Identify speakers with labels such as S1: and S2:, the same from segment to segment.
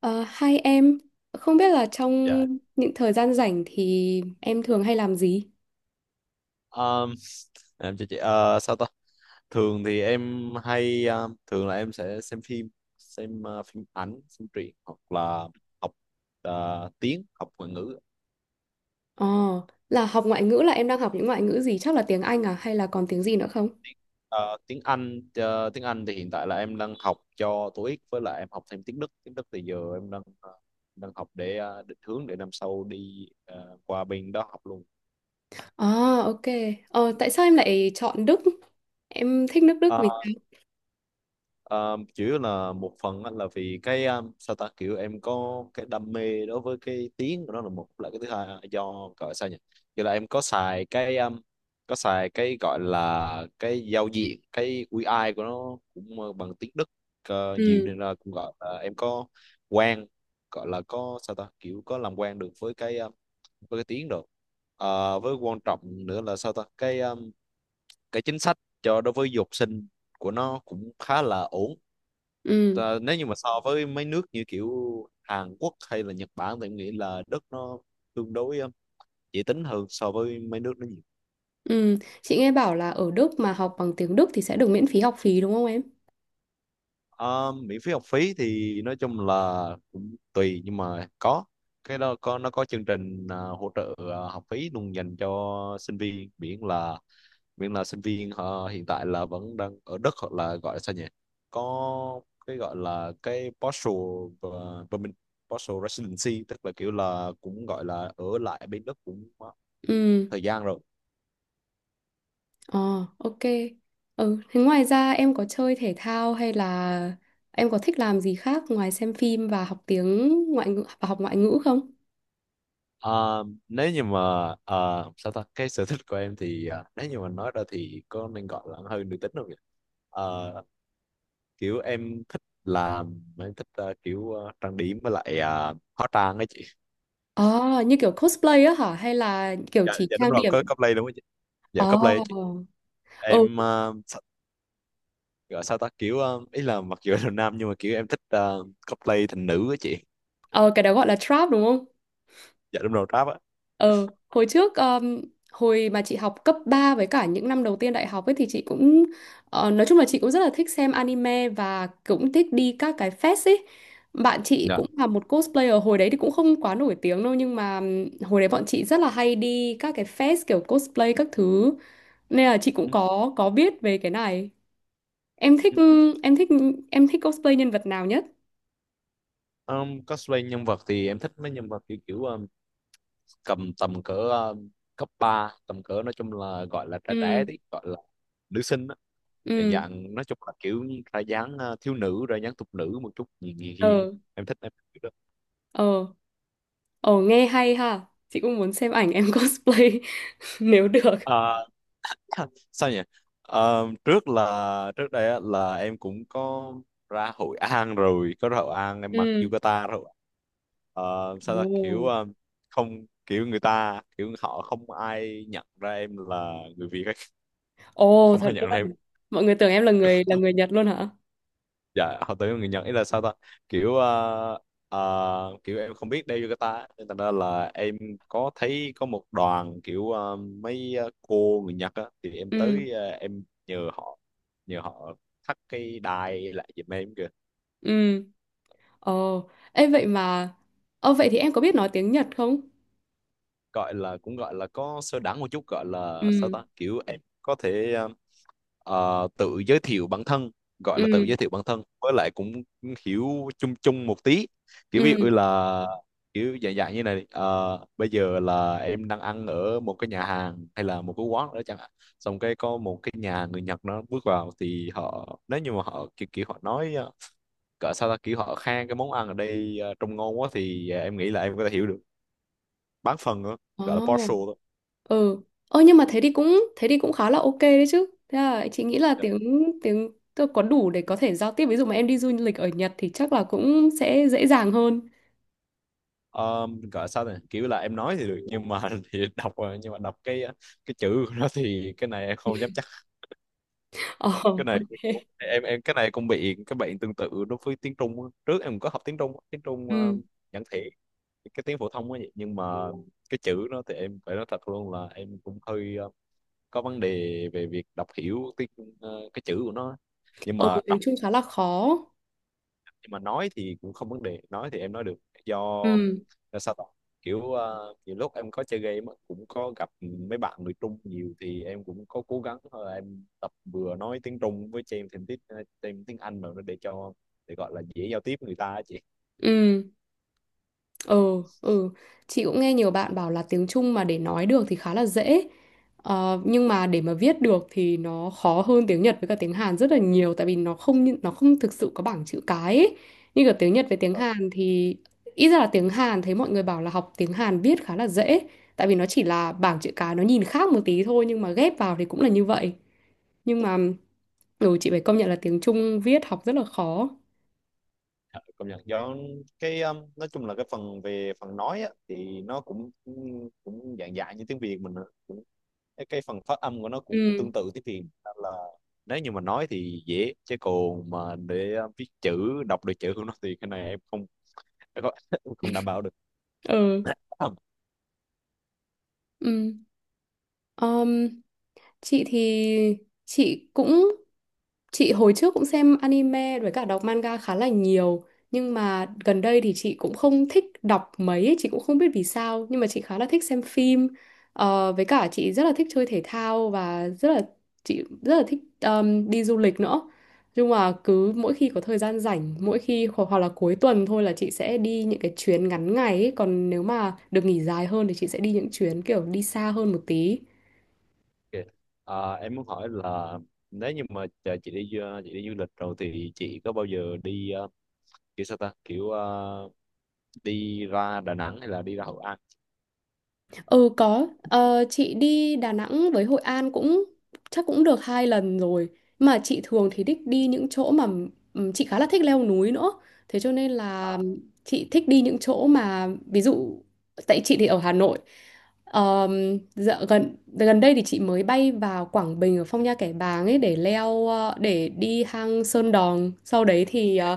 S1: Ờ, Hai em, không biết là trong
S2: Dạ.
S1: những thời gian rảnh thì em thường hay làm gì?
S2: um, em cho chị sao ta, thường thì em hay thường là em sẽ xem phim, xem phim ảnh, xem truyện hoặc là học tiếng, học ngoại ngữ.
S1: Ờ, là học ngoại ngữ là em đang học những ngoại ngữ gì? Chắc là tiếng Anh à hay là còn tiếng gì nữa không?
S2: Ờ, tiếng Anh, tiếng Anh thì hiện tại là em đang học cho TOEIC, với lại em học thêm tiếng Đức. Tiếng Đức thì giờ em đang đang học để định hướng để năm sau đi qua bên đó học luôn.
S1: À, ok. Tại sao em lại chọn Đức? Em thích nước Đức vì
S2: Ờ,
S1: sao?
S2: Ờ, chủ yếu là một phần á, là vì cái sao ta, kiểu em có cái đam mê đối với cái tiếng của nó là một, là cái thứ hai là do, gọi sao nhỉ, kiểu là em có xài cái gọi là cái giao diện, cái UI của nó cũng bằng tiếng Đức nhiều,
S1: Ừ,
S2: nên là cũng gọi là em có quen, gọi là có, sao ta, kiểu có làm quen được với cái tiếng rồi. Ờ, với quan trọng nữa là, sao ta, cái chính sách cho, đối với du học sinh của nó cũng khá là ổn.
S1: ừ,
S2: Ờ, nếu như mà so với mấy nước như kiểu Hàn Quốc hay là Nhật Bản thì em nghĩ là đất nó tương đối dễ tính hơn so với mấy nước đó nhiều.
S1: ừ. Chị nghe bảo là ở Đức mà học bằng tiếng Đức thì sẽ được miễn phí học phí đúng không em?
S2: Ờ, miễn phí học phí thì nói chung là cũng tùy, nhưng mà có cái đó, có, nó có chương trình hỗ trợ học phí luôn dành cho sinh viên, miễn là sinh viên họ hiện tại là vẫn đang ở Đức, hoặc là gọi là sao nhỉ, có cái gọi là cái postal và permanent postal residency, tức là kiểu là cũng gọi là ở lại bên Đức cũng
S1: Ừ.
S2: thời gian rồi.
S1: Ờ, ok. Ừ, thế ngoài ra em có chơi thể thao hay là em có thích làm gì khác ngoài xem phim và học tiếng ngoại ngữ và học ngoại ngữ không?
S2: À, nếu như mà à, sao ta, cái sở thích của em thì, nếu như mà nói ra thì có nên gọi là hơi nữ tính không nhỉ. À, kiểu em thích làm, em thích kiểu trang điểm, với lại hóa trang ấy chị.
S1: Ờ, như kiểu cosplay á hả? Hay là kiểu
S2: Dạ,
S1: chỉ
S2: dạ đúng
S1: trang
S2: rồi,
S1: điểm?
S2: có cosplay đúng không chị, dạ
S1: Ờ,
S2: cosplay ấy chị.
S1: ừ,
S2: Em uh, gọi sao ta, kiểu ý là mặc dù là nam nhưng mà kiểu em thích cosplay thành nữ á chị.
S1: ờ, cái đó gọi là trap đúng không?
S2: Dạ đúng rồi, rap á.
S1: Ờ, hồi trước hồi mà chị học cấp 3 với cả những năm đầu tiên đại học ấy thì chị cũng, nói chung là chị cũng rất là thích xem anime và cũng thích đi các cái fest ấy. Bạn chị
S2: Dạ.
S1: cũng là một cosplayer hồi đấy thì cũng không quá nổi tiếng đâu nhưng mà hồi đấy bọn chị rất là hay đi các cái fest kiểu cosplay các thứ. Nên là chị cũng
S2: Ừ,
S1: có biết về cái này. Em
S2: ừ,
S1: thích
S2: ừ.
S1: em thích em thích cosplay nhân vật nào nhất?
S2: Cosplay nhân vật thì em thích mấy nhân vật kiểu, kiểu cầm tầm cỡ cấp ba, tầm cỡ nói chung là gọi là trẻ trẻ
S1: Ừ,
S2: tí, gọi là nữ sinh á, dạng
S1: ừ,
S2: dạng, nói chung là kiểu ra dáng thiếu nữ, ra dáng thục nữ một chút, hiền hiền hiền.
S1: ờ,
S2: Em thích, em thích kiểu đó.
S1: ờ. Ồ nghe hay ha. Chị cũng muốn xem ảnh em cosplay nếu được.
S2: Ờ, sao nhỉ. Ờ, trước là trước đây á, là em cũng có ra Hội An rồi, có ra Hội An em mặc
S1: Ừ.
S2: yukata rồi. Ờ, sao ta, kiểu
S1: Ồ.
S2: không, kiểu người ta kiểu họ không ai nhận ra em là người Việt ấy.
S1: Ồ
S2: Không
S1: thật
S2: ai nhận ra em.
S1: luôn. Mọi người tưởng em là người Nhật luôn hả?
S2: Dạ họ tới người Nhật, ý là sao ta, kiểu kiểu em không biết đeo yukata á, nên thành ra là em có thấy có một đoàn kiểu mấy cô người Nhật á, thì em
S1: Ừ.
S2: tới em nhờ họ, nhờ họ thắt cái đai lại giùm em kìa.
S1: Ừ. Ồ. Ê vậy mà Ồ vậy thì em có biết nói tiếng Nhật không?
S2: Gọi là cũng gọi là có sơ đẳng một chút, gọi là sao
S1: Ừ.
S2: ta, kiểu em có thể tự giới thiệu bản thân, gọi là tự
S1: Ừ.
S2: giới thiệu bản thân, với lại cũng hiểu chung chung một tí, kiểu ví
S1: Ừ.
S2: dụ là kiểu dạng dạng như này, bây giờ là em đang ăn ở một cái nhà hàng hay là một cái quán đó chẳng hạn, xong cái có một cái nhà người Nhật nó bước vào, thì họ, nếu như mà họ kiểu, kiểu họ nói cỡ sao ta, kiểu họ khen cái món ăn ở đây trông ngon quá, thì em nghĩ là em có thể hiểu được bán phần nữa, gọi là
S1: Ồ.
S2: partial thôi.
S1: Ừ. Ơ nhưng mà thế đi cũng khá là ok đấy chứ. Thế là chị nghĩ là tiếng tiếng tôi có đủ để có thể giao tiếp ví dụ mà em đi du lịch ở Nhật thì chắc là cũng sẽ dễ dàng hơn.
S2: Ờ, gọi sao này, kiểu là em nói thì được nhưng mà thì đọc rồi, nhưng mà đọc cái cái chữ của nó thì cái này em không dám chắc.
S1: Ồ
S2: Cái này
S1: ok.
S2: em, cái này cũng bị cái bệnh tương tự đối với tiếng Trung á. Trước em có học tiếng Trung á, tiếng Trung
S1: Ừ.
S2: giản thể, cái tiếng phổ thông ấy, vậy nhưng mà cái chữ nó thì em phải nói thật luôn là em cũng hơi có vấn đề về việc đọc hiểu tiếng cái chữ của nó á. Nhưng
S1: Ừ,
S2: mà
S1: tiếng
S2: đọc,
S1: Trung khá là khó.
S2: nhưng mà nói thì cũng không vấn đề, nói thì em nói được, do
S1: Ừ,
S2: là sao ta, kiểu nhiều lúc em có chơi game á, cũng có gặp mấy bạn người Trung nhiều thì em cũng có cố gắng em tập vừa nói tiếng Trung với thêm thêm tiếng, thêm tiếng Anh vào nữa để cho, để gọi là dễ giao tiếp với người ta á chị.
S1: ừ, ừ, ừ, chị cũng nghe nhiều bạn bảo là tiếng Trung mà để nói được thì khá là dễ. Ờ, nhưng mà để mà viết được thì nó khó hơn tiếng Nhật với cả tiếng Hàn rất là nhiều tại vì nó không như- nó không thực sự có bảng chữ cái ấy. Như cả tiếng Nhật với tiếng Hàn thì ít ra là tiếng Hàn thấy mọi người bảo là học tiếng Hàn viết khá là dễ tại vì nó chỉ là bảng chữ cái, nó nhìn khác một tí thôi nhưng mà ghép vào thì cũng là như vậy, nhưng mà ừ, chị phải công nhận là tiếng Trung viết học rất là khó.
S2: Ờ, công nhận do cái nói chung là cái phần về phần nói á, thì nó cũng cũng dạng dạng như tiếng Việt mình, cũng cái phần phát âm của nó cũng
S1: Ừ,
S2: tương tự tiếng Việt, nên là nếu như mà nói thì dễ, chứ còn mà để viết chữ, đọc được chữ của nó thì cái này em không, em không em không đảm bảo được.
S1: ừ,
S2: Ok.
S1: ừ. Ờm, chị thì chị cũng chị hồi trước cũng xem anime với cả đọc manga khá là nhiều nhưng mà gần đây thì chị cũng không thích đọc mấy ấy, chị cũng không biết vì sao nhưng mà chị khá là thích xem phim. Ờ, với cả chị rất là thích chơi thể thao và rất là chị rất là thích đi du lịch nữa. Nhưng mà cứ mỗi khi có thời gian rảnh mỗi khi hoặc là cuối tuần thôi là chị sẽ đi những cái chuyến ngắn ngày ấy. Còn nếu mà được nghỉ dài hơn thì chị sẽ đi những chuyến kiểu đi xa hơn một tí.
S2: Ờ, em muốn hỏi là nếu như mà chờ chị đi du lịch rồi thì chị có bao giờ đi kiểu sao ta, kiểu đi ra Đà Nẵng hay là đi ra Hội An.
S1: Ừ có, ờ, chị đi Đà Nẵng với Hội An cũng chắc cũng được hai lần rồi. Mà chị thường thì thích đi những chỗ mà chị khá là thích leo núi nữa. Thế cho nên là
S2: À,
S1: chị thích đi những chỗ mà ví dụ tại chị thì ở Hà Nội. Dạ, gần gần đây thì chị mới bay vào Quảng Bình ở Phong Nha Kẻ Bàng ấy để leo, để đi hang Sơn Đòn. Sau đấy thì ờ,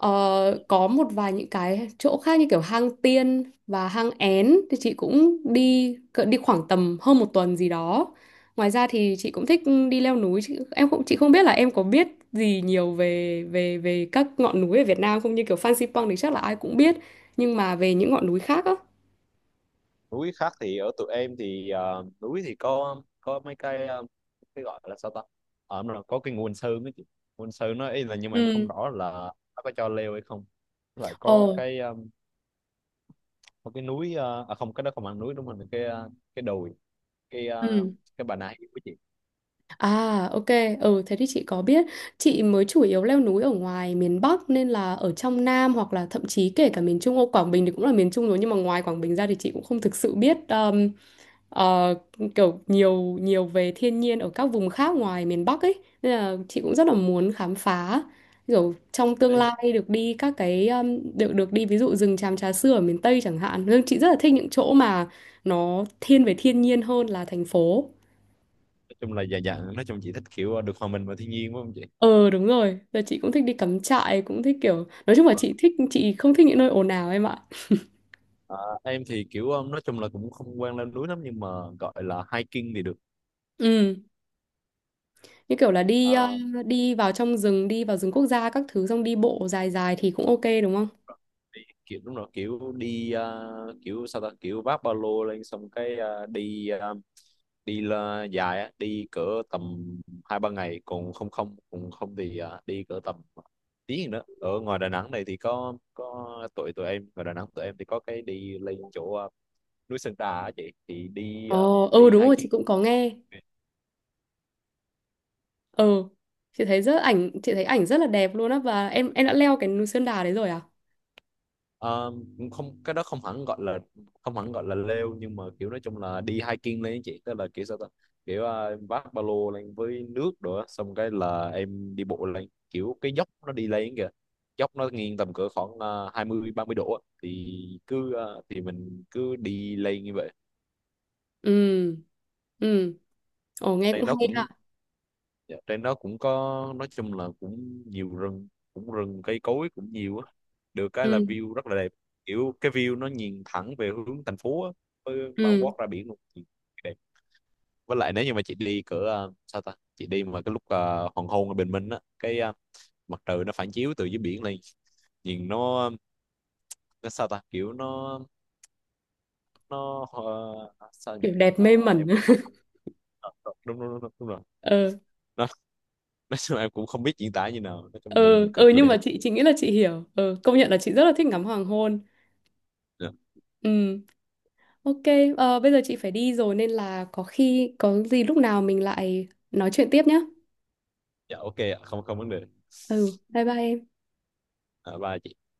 S1: Ờ, có một vài những cái chỗ khác như kiểu hang Tiên và hang Én thì chị cũng đi khoảng tầm hơn một tuần gì đó. Ngoài ra thì chị cũng thích đi leo núi. Chị, em cũng chị không biết là em có biết gì nhiều về về về các ngọn núi ở Việt Nam không, như kiểu Phan Xipang thì chắc là ai cũng biết nhưng mà về những ngọn núi khác á.
S2: núi khác thì ở tụi em thì núi thì có mấy cái cái gọi là sao ta, ở nó có cái nguồn sơn ấy chị, nguồn sơn nó ý là, nhưng mà em không
S1: Ừ.
S2: rõ là nó có cho leo hay không. Với lại
S1: Ồ.
S2: có cái có cái núi à không cái đó không phải núi đúng không, là cái cái đồi, cái
S1: Ừ.
S2: cái Bà Nà Hill của chị
S1: À, ok. Ừ, thế thì chị có biết. Chị mới chủ yếu leo núi ở ngoài miền Bắc nên là ở trong Nam hoặc là thậm chí kể cả miền Trung. Ô, Quảng Bình thì cũng là miền Trung rồi nhưng mà ngoài Quảng Bình ra thì chị cũng không thực sự biết ờ, kiểu nhiều nhiều về thiên nhiên ở các vùng khác ngoài miền Bắc ấy. Nên là chị cũng rất là muốn khám phá. Kiểu trong tương
S2: đấy.
S1: lai được đi các cái được được đi ví dụ rừng tràm Trà Sư ở miền Tây chẳng hạn. Nhưng chị rất là thích những chỗ mà nó thiên về thiên nhiên hơn là thành phố.
S2: Nói chung là, dạ dạ nói chung chị thích kiểu được hòa mình vào thiên nhiên đúng không chị.
S1: Ờ đúng rồi, giờ chị cũng thích đi cắm trại, cũng thích kiểu nói chung là
S2: Vâng.
S1: chị không thích những nơi ồn ào em ạ.
S2: Ờ, em thì kiểu nói chung là cũng không quen lên núi lắm, nhưng mà gọi là hiking thì được.
S1: Ừ, như kiểu là
S2: Ờ,
S1: đi vào trong rừng, đi vào rừng quốc gia các thứ xong đi bộ dài dài thì cũng ok đúng không?
S2: kiểu đúng rồi, kiểu đi kiểu sao ta, kiểu vác ba lô lên xong cái đi đi là dài á, đi cỡ tầm hai ba ngày, còn không không còn không thì đi cỡ tầm tiếng nữa. Ở ngoài Đà Nẵng này thì có tụi, tụi em ngoài Đà Nẵng tụi em thì có cái đi lên chỗ núi Sơn Trà á chị, thì đi
S1: Ờ,
S2: đi
S1: ừ đúng rồi, chị
S2: hiking.
S1: cũng có nghe. Ờ chị thấy ảnh rất là đẹp luôn á, và em đã leo cái núi Sơn Đà đấy rồi à?
S2: Ờ, không cái đó không hẳn gọi là không hẳn gọi là leo, nhưng mà kiểu nói chung là đi hiking lên á chị, tức là kiểu sao ta, kiểu em vác ba lô lên với nước rồi á, xong cái là em đi bộ lên, kiểu cái dốc nó đi lên kìa, dốc nó nghiêng tầm cỡ khoảng hai mươi ba mươi độ á. Thì cứ thì mình cứ đi lên như vậy.
S1: Ừ. Ừ. Ồ nghe cũng
S2: Lên nó
S1: hay
S2: cũng,
S1: ha.
S2: dạ, trên đó cũng có, nói chung là cũng nhiều rừng, cũng rừng cây cối cũng nhiều á, được cái là
S1: Ừ.
S2: view rất là đẹp, kiểu cái view nó nhìn thẳng về hướng thành phố á, với bao quát
S1: Ừ,
S2: ra biển luôn. Nhìn đẹp. Với lại nếu như mà chị đi cỡ sao ta, chị đi mà cái lúc hoàng hôn ở bình minh á, cái mặt trời nó phản chiếu từ dưới biển lên, nhìn nó sao ta, kiểu nó sao nhỉ,
S1: kiểu đẹp mê
S2: nó
S1: mẩn.
S2: em cũng không biết. Ờ, đúng đúng đúng, đúng, đúng rồi.
S1: Ờ,
S2: Nó, nói chung em cũng không biết diễn tả như nào, nói
S1: ờ,
S2: chung nhìn cực
S1: ờ,
S2: kỳ
S1: nhưng
S2: đẹp.
S1: mà chị nghĩ là chị hiểu. Ờ công nhận là chị rất là thích ngắm hoàng hôn.
S2: Dạ.
S1: Ừ. Ok, ờ, bây giờ chị phải đi rồi nên là có khi có gì lúc nào mình lại nói chuyện tiếp nhé.
S2: Dạ ok ạ, không không vấn đề.
S1: Ừ, bye bye em.
S2: À, bye chị.